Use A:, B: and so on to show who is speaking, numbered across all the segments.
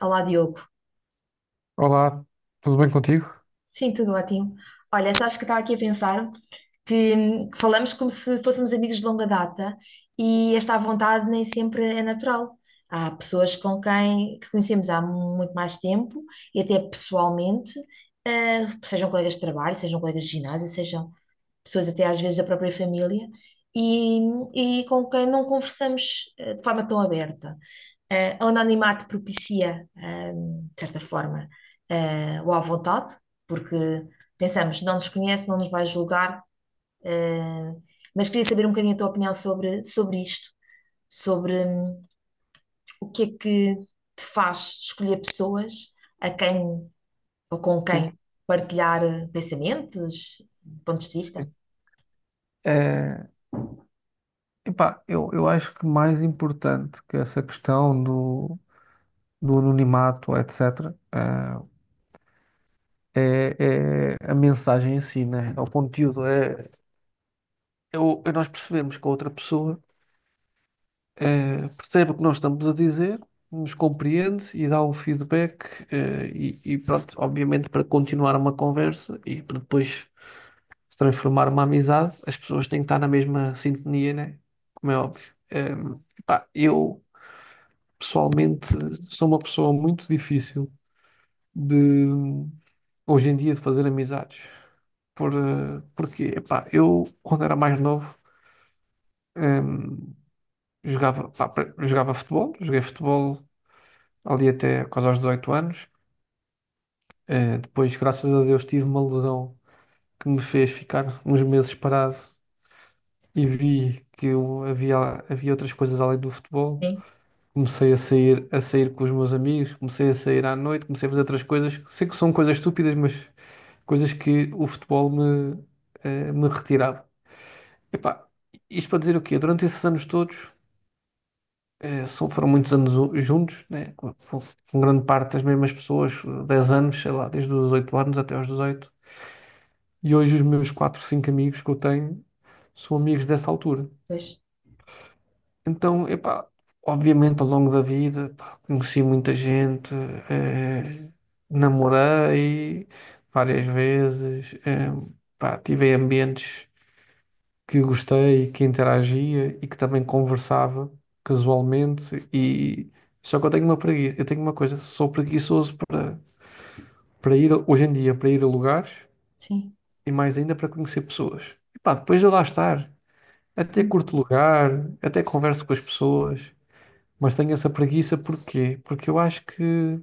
A: Olá, Diogo.
B: Olá, tudo bem contigo?
A: Sim, tudo ótimo. Olha, sabes que estava aqui a pensar que falamos como se fôssemos amigos de longa data e esta vontade nem sempre é natural. Há pessoas com quem que conhecemos há muito mais tempo e até pessoalmente, sejam colegas de trabalho, sejam colegas de ginásio, sejam. Pessoas até às vezes da própria família, e, e com quem não conversamos de forma tão aberta. O anonimato propicia, de certa forma, o à vontade, porque pensamos, não nos conhece, não nos vai julgar, eh, mas queria saber um bocadinho a tua opinião sobre isto, sobre o que é que te faz escolher pessoas a quem ou com
B: Sim,
A: quem partilhar pensamentos, pontos de vista.
B: sim. É, epá, eu acho que mais importante que essa questão do anonimato, etc., é a mensagem em si, né? É o conteúdo. É nós percebemos que a outra pessoa percebe o que nós estamos a dizer, nos compreende e dá um feedback, e pronto, obviamente para continuar uma conversa e para depois se transformar uma amizade, as pessoas têm que estar na mesma sintonia, né? Como é óbvio. Pá, eu, pessoalmente, sou uma pessoa muito difícil de, hoje em dia, de fazer amizades. Porque, epá, eu, quando era mais novo, ehm, jogava, pá, jogava futebol, joguei futebol ali até quase aos 18 anos. Depois, graças a Deus, tive uma lesão que me fez ficar uns meses parado e vi que eu havia outras coisas além do futebol.
A: Sim,
B: Comecei a sair com os meus amigos, comecei a sair à noite, comecei a fazer outras coisas. Sei que são coisas estúpidas, mas coisas que o futebol me retirava. Epá, isto para dizer o quê? Durante esses anos todos, só foram muitos anos juntos, né? Com grande parte das mesmas pessoas, 10 anos, sei lá, desde os 8 anos até aos 18. E hoje os meus 4 5 amigos que eu tenho são amigos dessa altura.
A: pois,
B: Então, epá, obviamente ao longo da vida, pá, conheci muita gente, eh, namorei várias vezes, pá, tive ambientes que gostei, que interagia e que também conversava casualmente, e só que eu tenho uma preguiça, eu tenho uma coisa, sou preguiçoso para ir hoje em dia para ir a lugares
A: sim.
B: e mais ainda para conhecer pessoas. E pá, depois de lá estar, até curto lugar, até converso com as pessoas. Mas tenho essa preguiça porquê? Porque eu acho que,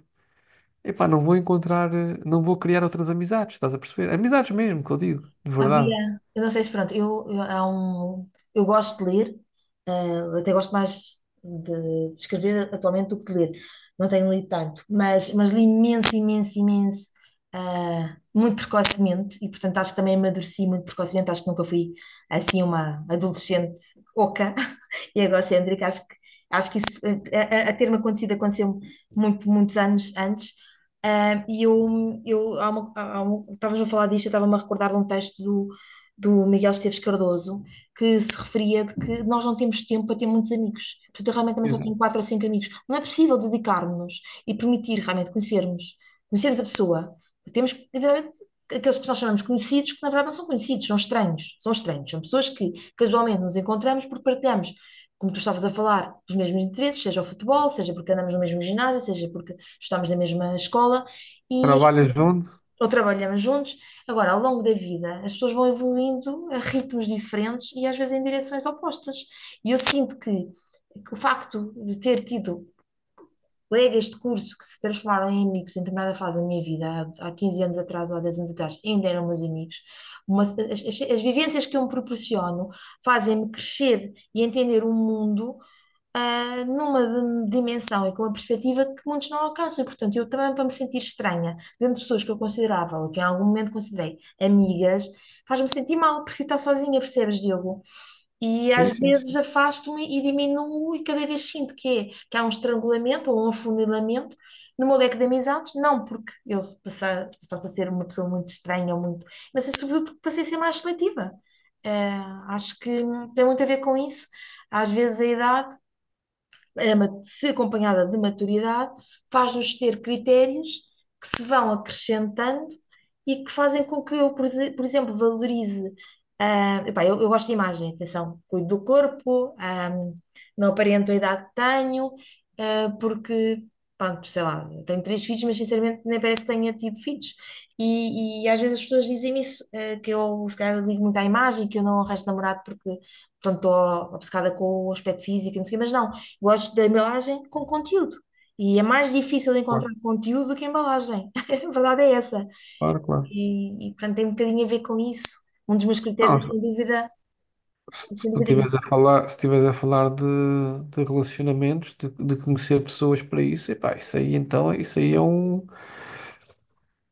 B: epá, não vou encontrar, não vou criar outras amizades, estás a perceber? Amizades mesmo, que eu digo, de verdade.
A: Havia, eu não sei se pronto, há um, eu gosto de ler, até gosto mais de escrever atualmente do que de ler, não tenho lido tanto, mas li imenso, imenso, imenso, muito precocemente, e portanto acho que também amadureci muito precocemente, acho que nunca fui assim uma adolescente oca e egocêntrica, acho que isso, a ter-me acontecido, aconteceu muito, muitos anos antes. E eu há estavas a falar disto, eu estava-me a recordar de um texto do Miguel Esteves Cardoso que se referia de que nós não temos tempo para ter muitos amigos. Portanto, eu realmente também só tenho
B: Exato.
A: quatro ou cinco amigos. Não é possível dedicarmos-nos e permitir realmente conhecermos, conhecermos a pessoa. Temos, evidentemente, aqueles que nós chamamos conhecidos, que na verdade não são conhecidos, são estranhos. São estranhos, são pessoas que casualmente nos encontramos porque partilhamos. Como tu estavas a falar, os mesmos interesses, seja o futebol, seja porque andamos no mesmo ginásio, seja porque estudámos na mesma escola e as
B: Trabalhas
A: pessoas-
B: junto?
A: ou trabalhamos juntos. Agora, ao longo da vida, as pessoas vão evoluindo a ritmos diferentes e às vezes em direções opostas. E eu sinto que o facto de ter tido colegas de curso que se transformaram em amigos em determinada fase da minha vida, há 15 anos atrás ou há 10 anos atrás, ainda eram meus amigos. Uma- as vivências que eu me proporciono fazem-me crescer e entender o mundo numa dimensão e com uma perspectiva que muitos não alcançam. E, portanto, eu também, para me sentir estranha, dentro de pessoas que eu considerava, ou que em algum momento considerei amigas, faz-me sentir mal, prefiro estar sozinha, percebes, Diogo? E
B: Sim,
A: às
B: sim,
A: vezes
B: sim.
A: afasto-me e diminuo, e cada vez sinto que há um estrangulamento ou um afunilamento no meu leque de amizades, não porque eu passasse a ser uma pessoa muito estranha, ou muito, mas é sobretudo porque passei a ser mais seletiva. Acho que tem muito a ver com isso. Às vezes a idade se acompanhada de maturidade, faz-nos ter critérios que se vão acrescentando e que fazem com que eu, por exemplo, valorize. Eu gosto de imagem, atenção, cuido do corpo, não aparento a idade que tenho, porque, pronto, sei lá, tenho três filhos, mas sinceramente nem parece que tenha tido filhos. E às vezes as pessoas dizem-me isso, que eu se calhar ligo muito à imagem, que eu não arranjo namorado porque portanto, estou obcecada com o aspecto físico, e não sei, mas não. Gosto da embalagem com conteúdo. E é mais difícil encontrar
B: Claro,
A: conteúdo do que embalagem. A verdade é essa.
B: claro, claro.
A: E portanto, tem um bocadinho a ver com isso. Um dos meus critérios é,
B: Não,
A: sem dúvida,
B: se, se tu
A: é
B: estiveres
A: esse.
B: a falar, se estiveres a falar de relacionamentos, de conhecer pessoas para isso, epá, isso aí então,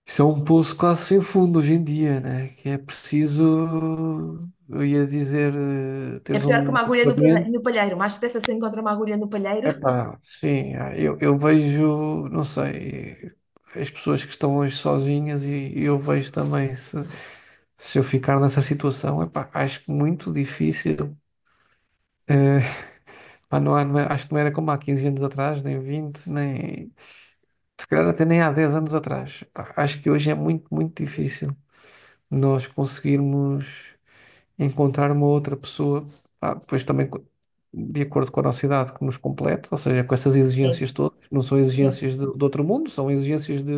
B: isso é um poço quase sem fundo hoje em dia, né? Que é preciso, eu ia dizer,
A: É
B: teres
A: pior que
B: um.
A: uma agulha no palheiro. Mais depressa se encontra uma agulha no palheiro.
B: Epá, sim, ah, eu vejo, não sei, as pessoas que estão hoje sozinhas e eu vejo também, se eu ficar nessa situação, epá, acho que muito difícil. Eh, Pá, acho que não era como há 15 anos atrás, nem 20, nem se calhar até nem há 10 anos atrás. Pá, acho que hoje é muito, muito difícil nós conseguirmos encontrar uma outra pessoa, pá, depois também de acordo com a nossa idade, que nos complete, ou seja, com essas
A: Sim,
B: exigências todas, não são
A: sim.
B: exigências de outro mundo, são exigências de,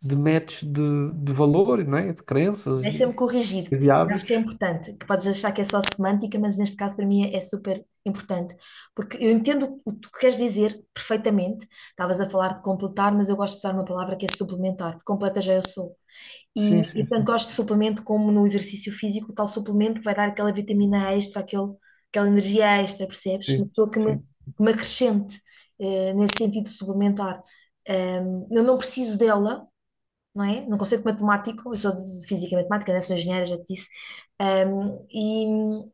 B: de match de valor, não é? De crenças
A: Deixa-me
B: e,
A: corrigir-te.
B: e de
A: Acho que é
B: hábitos.
A: importante, que podes achar que é só semântica, mas neste caso para mim é super importante. Porque eu entendo o que tu queres dizer perfeitamente. Estavas a falar de completar, mas eu gosto de usar uma palavra que é suplementar. Completa já eu sou.
B: Sim,
A: E
B: sim,
A: tanto
B: sim,
A: gosto de suplemento como no exercício físico, tal suplemento que vai dar aquela vitamina extra, aquele, aquela energia extra, percebes? Uma
B: sim,
A: pessoa
B: sim.
A: que me acrescente nesse sentido suplementar. Eu não preciso dela, não é? Não conceito matemático, eu sou de física e matemática, né? Sou engenheira, já te disse. Um,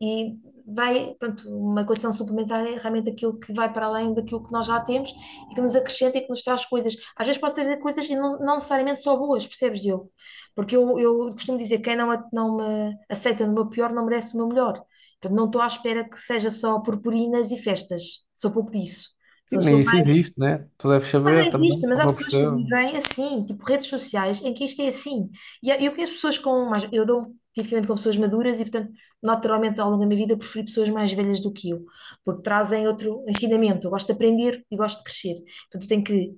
A: e vai, pronto, uma equação suplementar é realmente aquilo que vai para além daquilo que nós já temos e que nos acrescenta e que nos traz coisas. Às vezes pode ser coisas e não, não necessariamente só boas, percebes, Diogo? Porque eu costumo dizer que quem não me aceita no meu pior não merece o meu melhor. Portanto, não estou à espera que seja só purpurinas e festas. Sou pouco disso.
B: E nem
A: Sou
B: isso
A: mais.
B: existe, né? Tu deves
A: Não
B: saber também,
A: existe, mas há
B: como eu
A: pessoas que
B: percebo.
A: vivem assim, tipo redes sociais, em que isto é assim. E há- eu conheço pessoas com mais. Eu dou tipicamente com pessoas maduras e, portanto, naturalmente, ao longo da minha vida, eu preferi pessoas mais velhas do que eu, porque trazem outro ensinamento. Eu gosto de aprender e gosto de crescer. Portanto, eu tenho que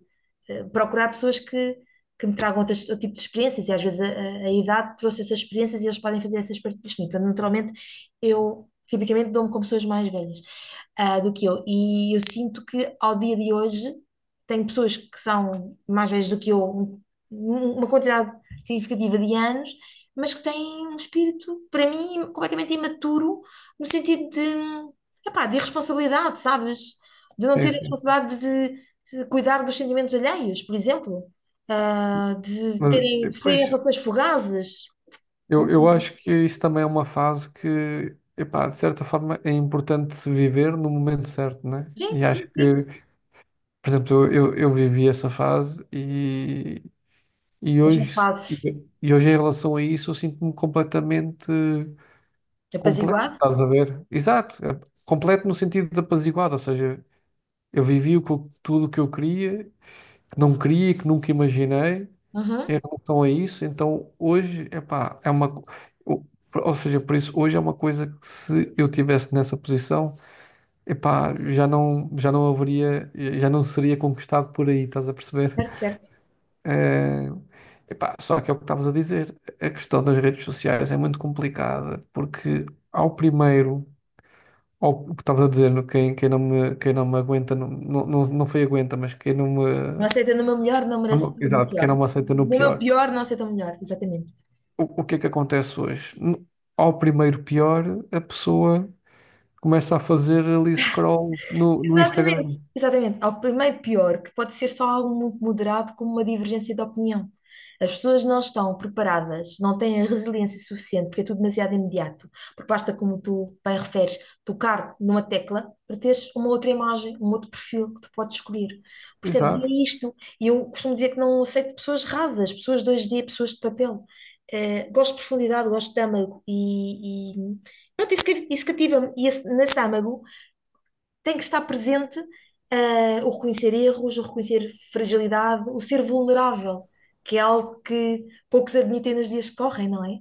A: procurar pessoas que me tragam outras- outro tipo de experiências. E às vezes a idade trouxe essas experiências e eles podem fazer essas partilhas comigo. Portanto, naturalmente, eu tipicamente dou-me com pessoas mais velhas do que eu. E eu sinto que ao dia de hoje tenho pessoas que são mais velhas do que eu, uma quantidade significativa de anos, mas que têm um espírito, para mim, completamente imaturo, no sentido de, epá, de irresponsabilidade, sabes? De não ter
B: Sim,
A: a
B: sim.
A: responsabilidade de cuidar dos sentimentos alheios, por exemplo.
B: Mas
A: De preferirem
B: depois,
A: relações fugazes.
B: eu acho que isso também é uma fase que, epá, de certa forma, é importante se viver no momento certo, né?
A: Sim,
B: E
A: sim,
B: acho que.
A: sim.
B: Por exemplo, eu vivi essa fase e
A: Mas são
B: hoje,
A: fases
B: e hoje em relação a isso eu sinto-me completamente completo,
A: apaziguado.
B: estás a ver? Exato, é completo no sentido de apaziguado, ou seja, eu vivi o que tudo o que eu queria, que não queria, que nunca imaginei
A: Uhum.
B: em relação a isso, então hoje, epá, o- ou seja, por isso, hoje é uma coisa que se eu tivesse nessa posição, epá, já não haveria, já não seria conquistado por aí, estás a perceber?
A: Certo, certo.
B: Eh, Epá, só que é o que estavas a dizer, a questão das redes sociais é muito complicada, porque ao primeiro, o que estavas a dizer, quem não me, quem não me aguenta, não, não, não foi aguenta, mas quem não
A: Não
B: me,
A: aceita no meu melhor, não merece no
B: exato, quem
A: pior.
B: não me aceita no
A: No meu
B: pior.
A: pior, não aceita o melhor, exatamente.
B: O que é que acontece hoje? Ao primeiro pior, a pessoa começa a fazer ali scroll no Instagram.
A: Exatamente, exatamente. Ao primeiro pior, que pode ser só algo muito moderado, como uma divergência de opinião. As pessoas não estão preparadas, não têm a resiliência suficiente, porque é tudo demasiado imediato. Porque basta, como tu bem referes, tocar numa tecla para teres uma outra imagem, um outro perfil que tu podes escolher. Percebes? E
B: Exato.
A: é isto. E eu costumo dizer que não aceito pessoas rasas, pessoas dois d pessoas de papel. Gosto de profundidade, gosto de âmago. E pronto, isso cativa-me. Nesse âmago tem que estar presente, o reconhecer erros, o reconhecer fragilidade, o ser vulnerável, que é algo que poucos admitem nos dias que correm, não é?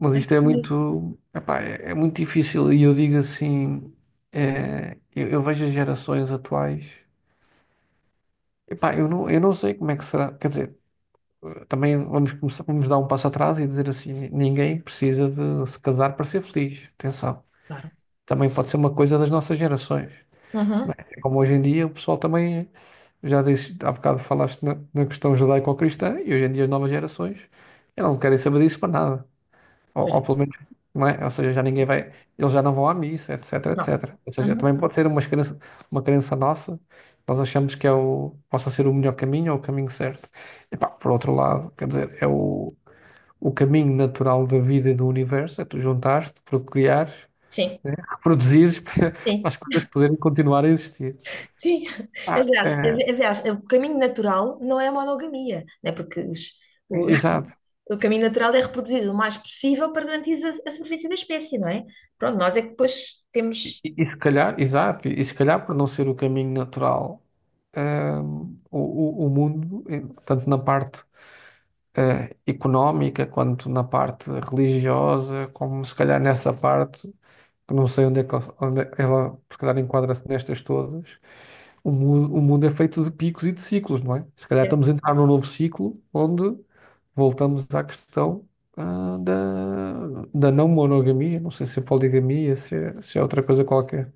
B: Mas isto é
A: Sim.
B: muito, epá, é muito difícil e eu digo assim, eu vejo as gerações atuais, epá, eu não sei como é que será, quer dizer, também vamos começar, vamos dar um passo atrás e dizer assim, ninguém precisa de se casar para ser feliz, atenção,
A: Claro.
B: também pode ser uma coisa das nossas gerações, não
A: Uhum.
B: é? É como hoje em dia o pessoal também, já disse, há bocado falaste na questão judaico-cristã e hoje em dia as novas gerações, elas não querem saber disso para nada. Ou,
A: Pois.
B: ou pelo menos, não é? Ou seja, já ninguém vai, eles já não vão à missa, etc,
A: Não.
B: etc. Ou
A: Não.
B: seja,
A: Uhum.
B: também pode ser uma crença nossa, nós achamos que possa ser o melhor caminho ou o caminho certo. E pá, por outro lado, quer dizer, é o caminho natural da vida e do universo, é tu juntares-te, procriares,
A: Sim,
B: né? Reproduzires para
A: sim.
B: as coisas poderem continuar a existir.
A: Sim,
B: Ah, é,
A: aliás, o caminho natural não é a monogamia, né? Porque o,
B: exato.
A: o caminho natural é reproduzido o mais possível para garantir a sobrevivência da espécie, não é? Pronto, nós é que depois
B: E,
A: temos,
B: e se calhar, exato, e se calhar por não ser o caminho natural, hum, o, o mundo, tanto na parte económica quanto na parte religiosa, como se calhar nessa parte, que não sei onde é que ela, ela, se calhar enquadra-se nestas todas, o mundo é feito de picos e de ciclos, não é? Se calhar estamos a entrar num novo ciclo onde voltamos à questão, da não monogamia, não sei se é poligamia, se é outra coisa qualquer.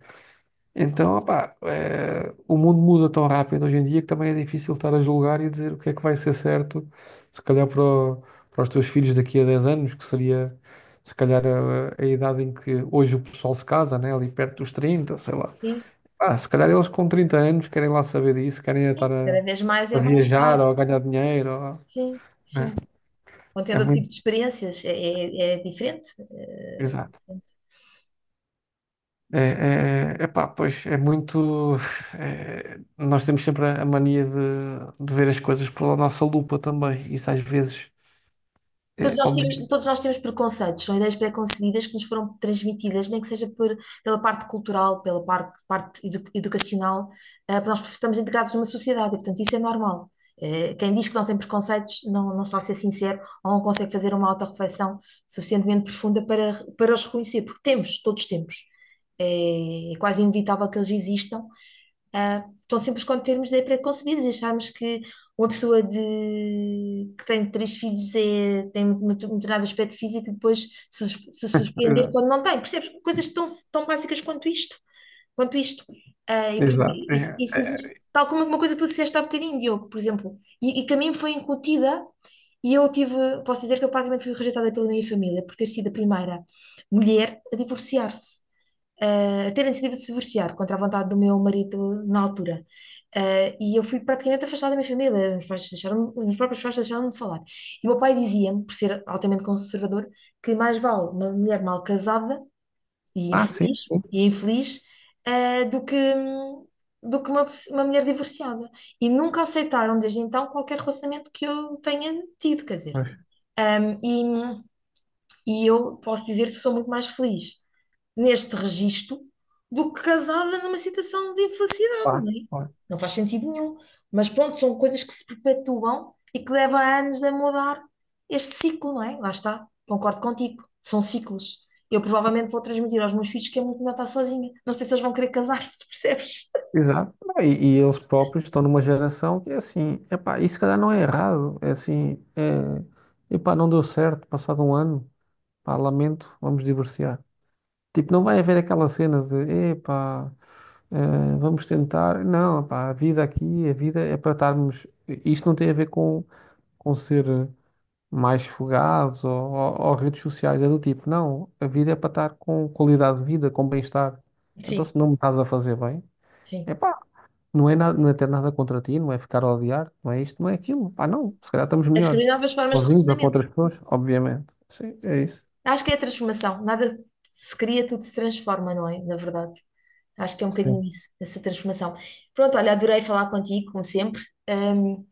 B: Então, opá, o mundo muda tão rápido hoje em dia que também é difícil estar a julgar e dizer o que é que vai ser certo, se calhar para os teus filhos daqui a 10 anos, que seria se calhar a idade em que hoje o pessoal se casa, né? Ali perto dos 30, sei lá.
A: sim,
B: Ah, se calhar eles com 30 anos querem lá saber disso, querem estar a,
A: cada vez mais
B: a
A: é mais
B: viajar
A: tarde,
B: ou a ganhar dinheiro,
A: sim,
B: né?
A: sim. Vão
B: É
A: tendo outro tipo
B: muito.
A: de experiências, é diferente.
B: Exato.
A: Diferente.
B: É, epá, pois é muito. Nós temos sempre a mania de ver as coisas pela nossa lupa também. Isso às vezes é óbvio.
A: Todos nós temos preconceitos, são ideias pré-concebidas que nos foram transmitidas, nem que seja pela parte cultural, pela parte educacional, porque nós estamos integrados numa sociedade, e, portanto isso é normal. Quem diz que não tem preconceitos não está a ser sincero ou não consegue fazer uma autorreflexão suficientemente profunda para os reconhecer, porque temos, todos temos. É quase inevitável que eles existam, tão simples quanto termos de pré-concebidos, e acharmos que uma pessoa que tem três filhos é, tem um determinado aspecto físico e depois se surpreender
B: Exato.
A: quando não tem. Percebes? Coisas tão, tão básicas quanto isto. Quanto isto. E, portanto,
B: Exato.
A: isso,
B: É,
A: isso existe.
B: é.
A: Tal como uma coisa que tu disseste há bocadinho, Diogo, por exemplo, e que a mim foi incutida, e eu tive, posso dizer que eu praticamente fui rejeitada pela minha família por ter sido a primeira mulher a divorciar-se a terem decidido se divorciar contra a vontade do meu marido na altura. E eu fui praticamente afastada da minha família, os meus próprios pais deixaram de falar. E o meu pai dizia-me, por ser altamente conservador, que mais vale uma mulher mal casada e
B: Ah, sim,
A: infeliz,
B: sim.
A: e infeliz, do do que uma, uma mulher divorciada. E nunca aceitaram desde então qualquer relacionamento que eu tenha tido, quer dizer.
B: Pois,
A: Ah, e, e eu posso dizer que sou muito mais feliz neste registro do que casada numa situação de infelicidade,
B: pá,
A: não é?
B: pá.
A: Não faz sentido nenhum. Mas pronto, são coisas que se perpetuam e que levam anos a mudar este ciclo, não é? Lá está, concordo contigo, são ciclos. Eu provavelmente vou transmitir aos meus filhos que é muito melhor estar sozinha. Não sei se eles vão querer casar-se, percebes?
B: Exato. Ah, E eles próprios estão numa geração que é assim, epá, isso se calhar não é errado. É assim, epá, não deu certo, passado um ano, pá, lamento, vamos divorciar. Tipo, não vai haver aquela cena de, epá. Ah, vamos tentar. Não, pá, a vida aqui, a vida é para estarmos. Isto não tem a ver com ser mais fogados ou redes sociais, é do tipo, não, a vida é para estar com qualidade de vida, com bem-estar.
A: Sim,
B: Então, se não me estás a fazer bem,
A: sim.
B: é pá, não é nada, não é ter nada contra ti, não é ficar a odiar, não é isto, não é aquilo. Pá, não, se calhar estamos
A: É
B: melhor.
A: descobrir novas formas de
B: Sozinhos ou com
A: relacionamento.
B: outras pessoas? Obviamente. Sim, é isso.
A: Acho que é a transformação. Nada se cria, tudo se transforma, não é? Na verdade. Acho que é um bocadinho
B: Sim.
A: isso, essa transformação. Pronto, olha, adorei falar contigo, como sempre. Ahm,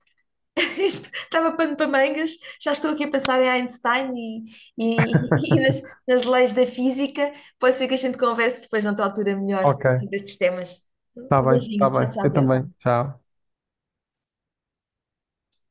A: isto estava pano para mangas, já estou aqui a pensar em Einstein e e nas, nas leis da física. Pode ser que a gente converse depois, noutra altura, melhor
B: Ok.
A: sobre estes temas.
B: Está
A: Um
B: bem,
A: beijinho,
B: está
A: tchau,
B: bem.
A: tchau,
B: Eu também.
A: Diogo.
B: Tchau.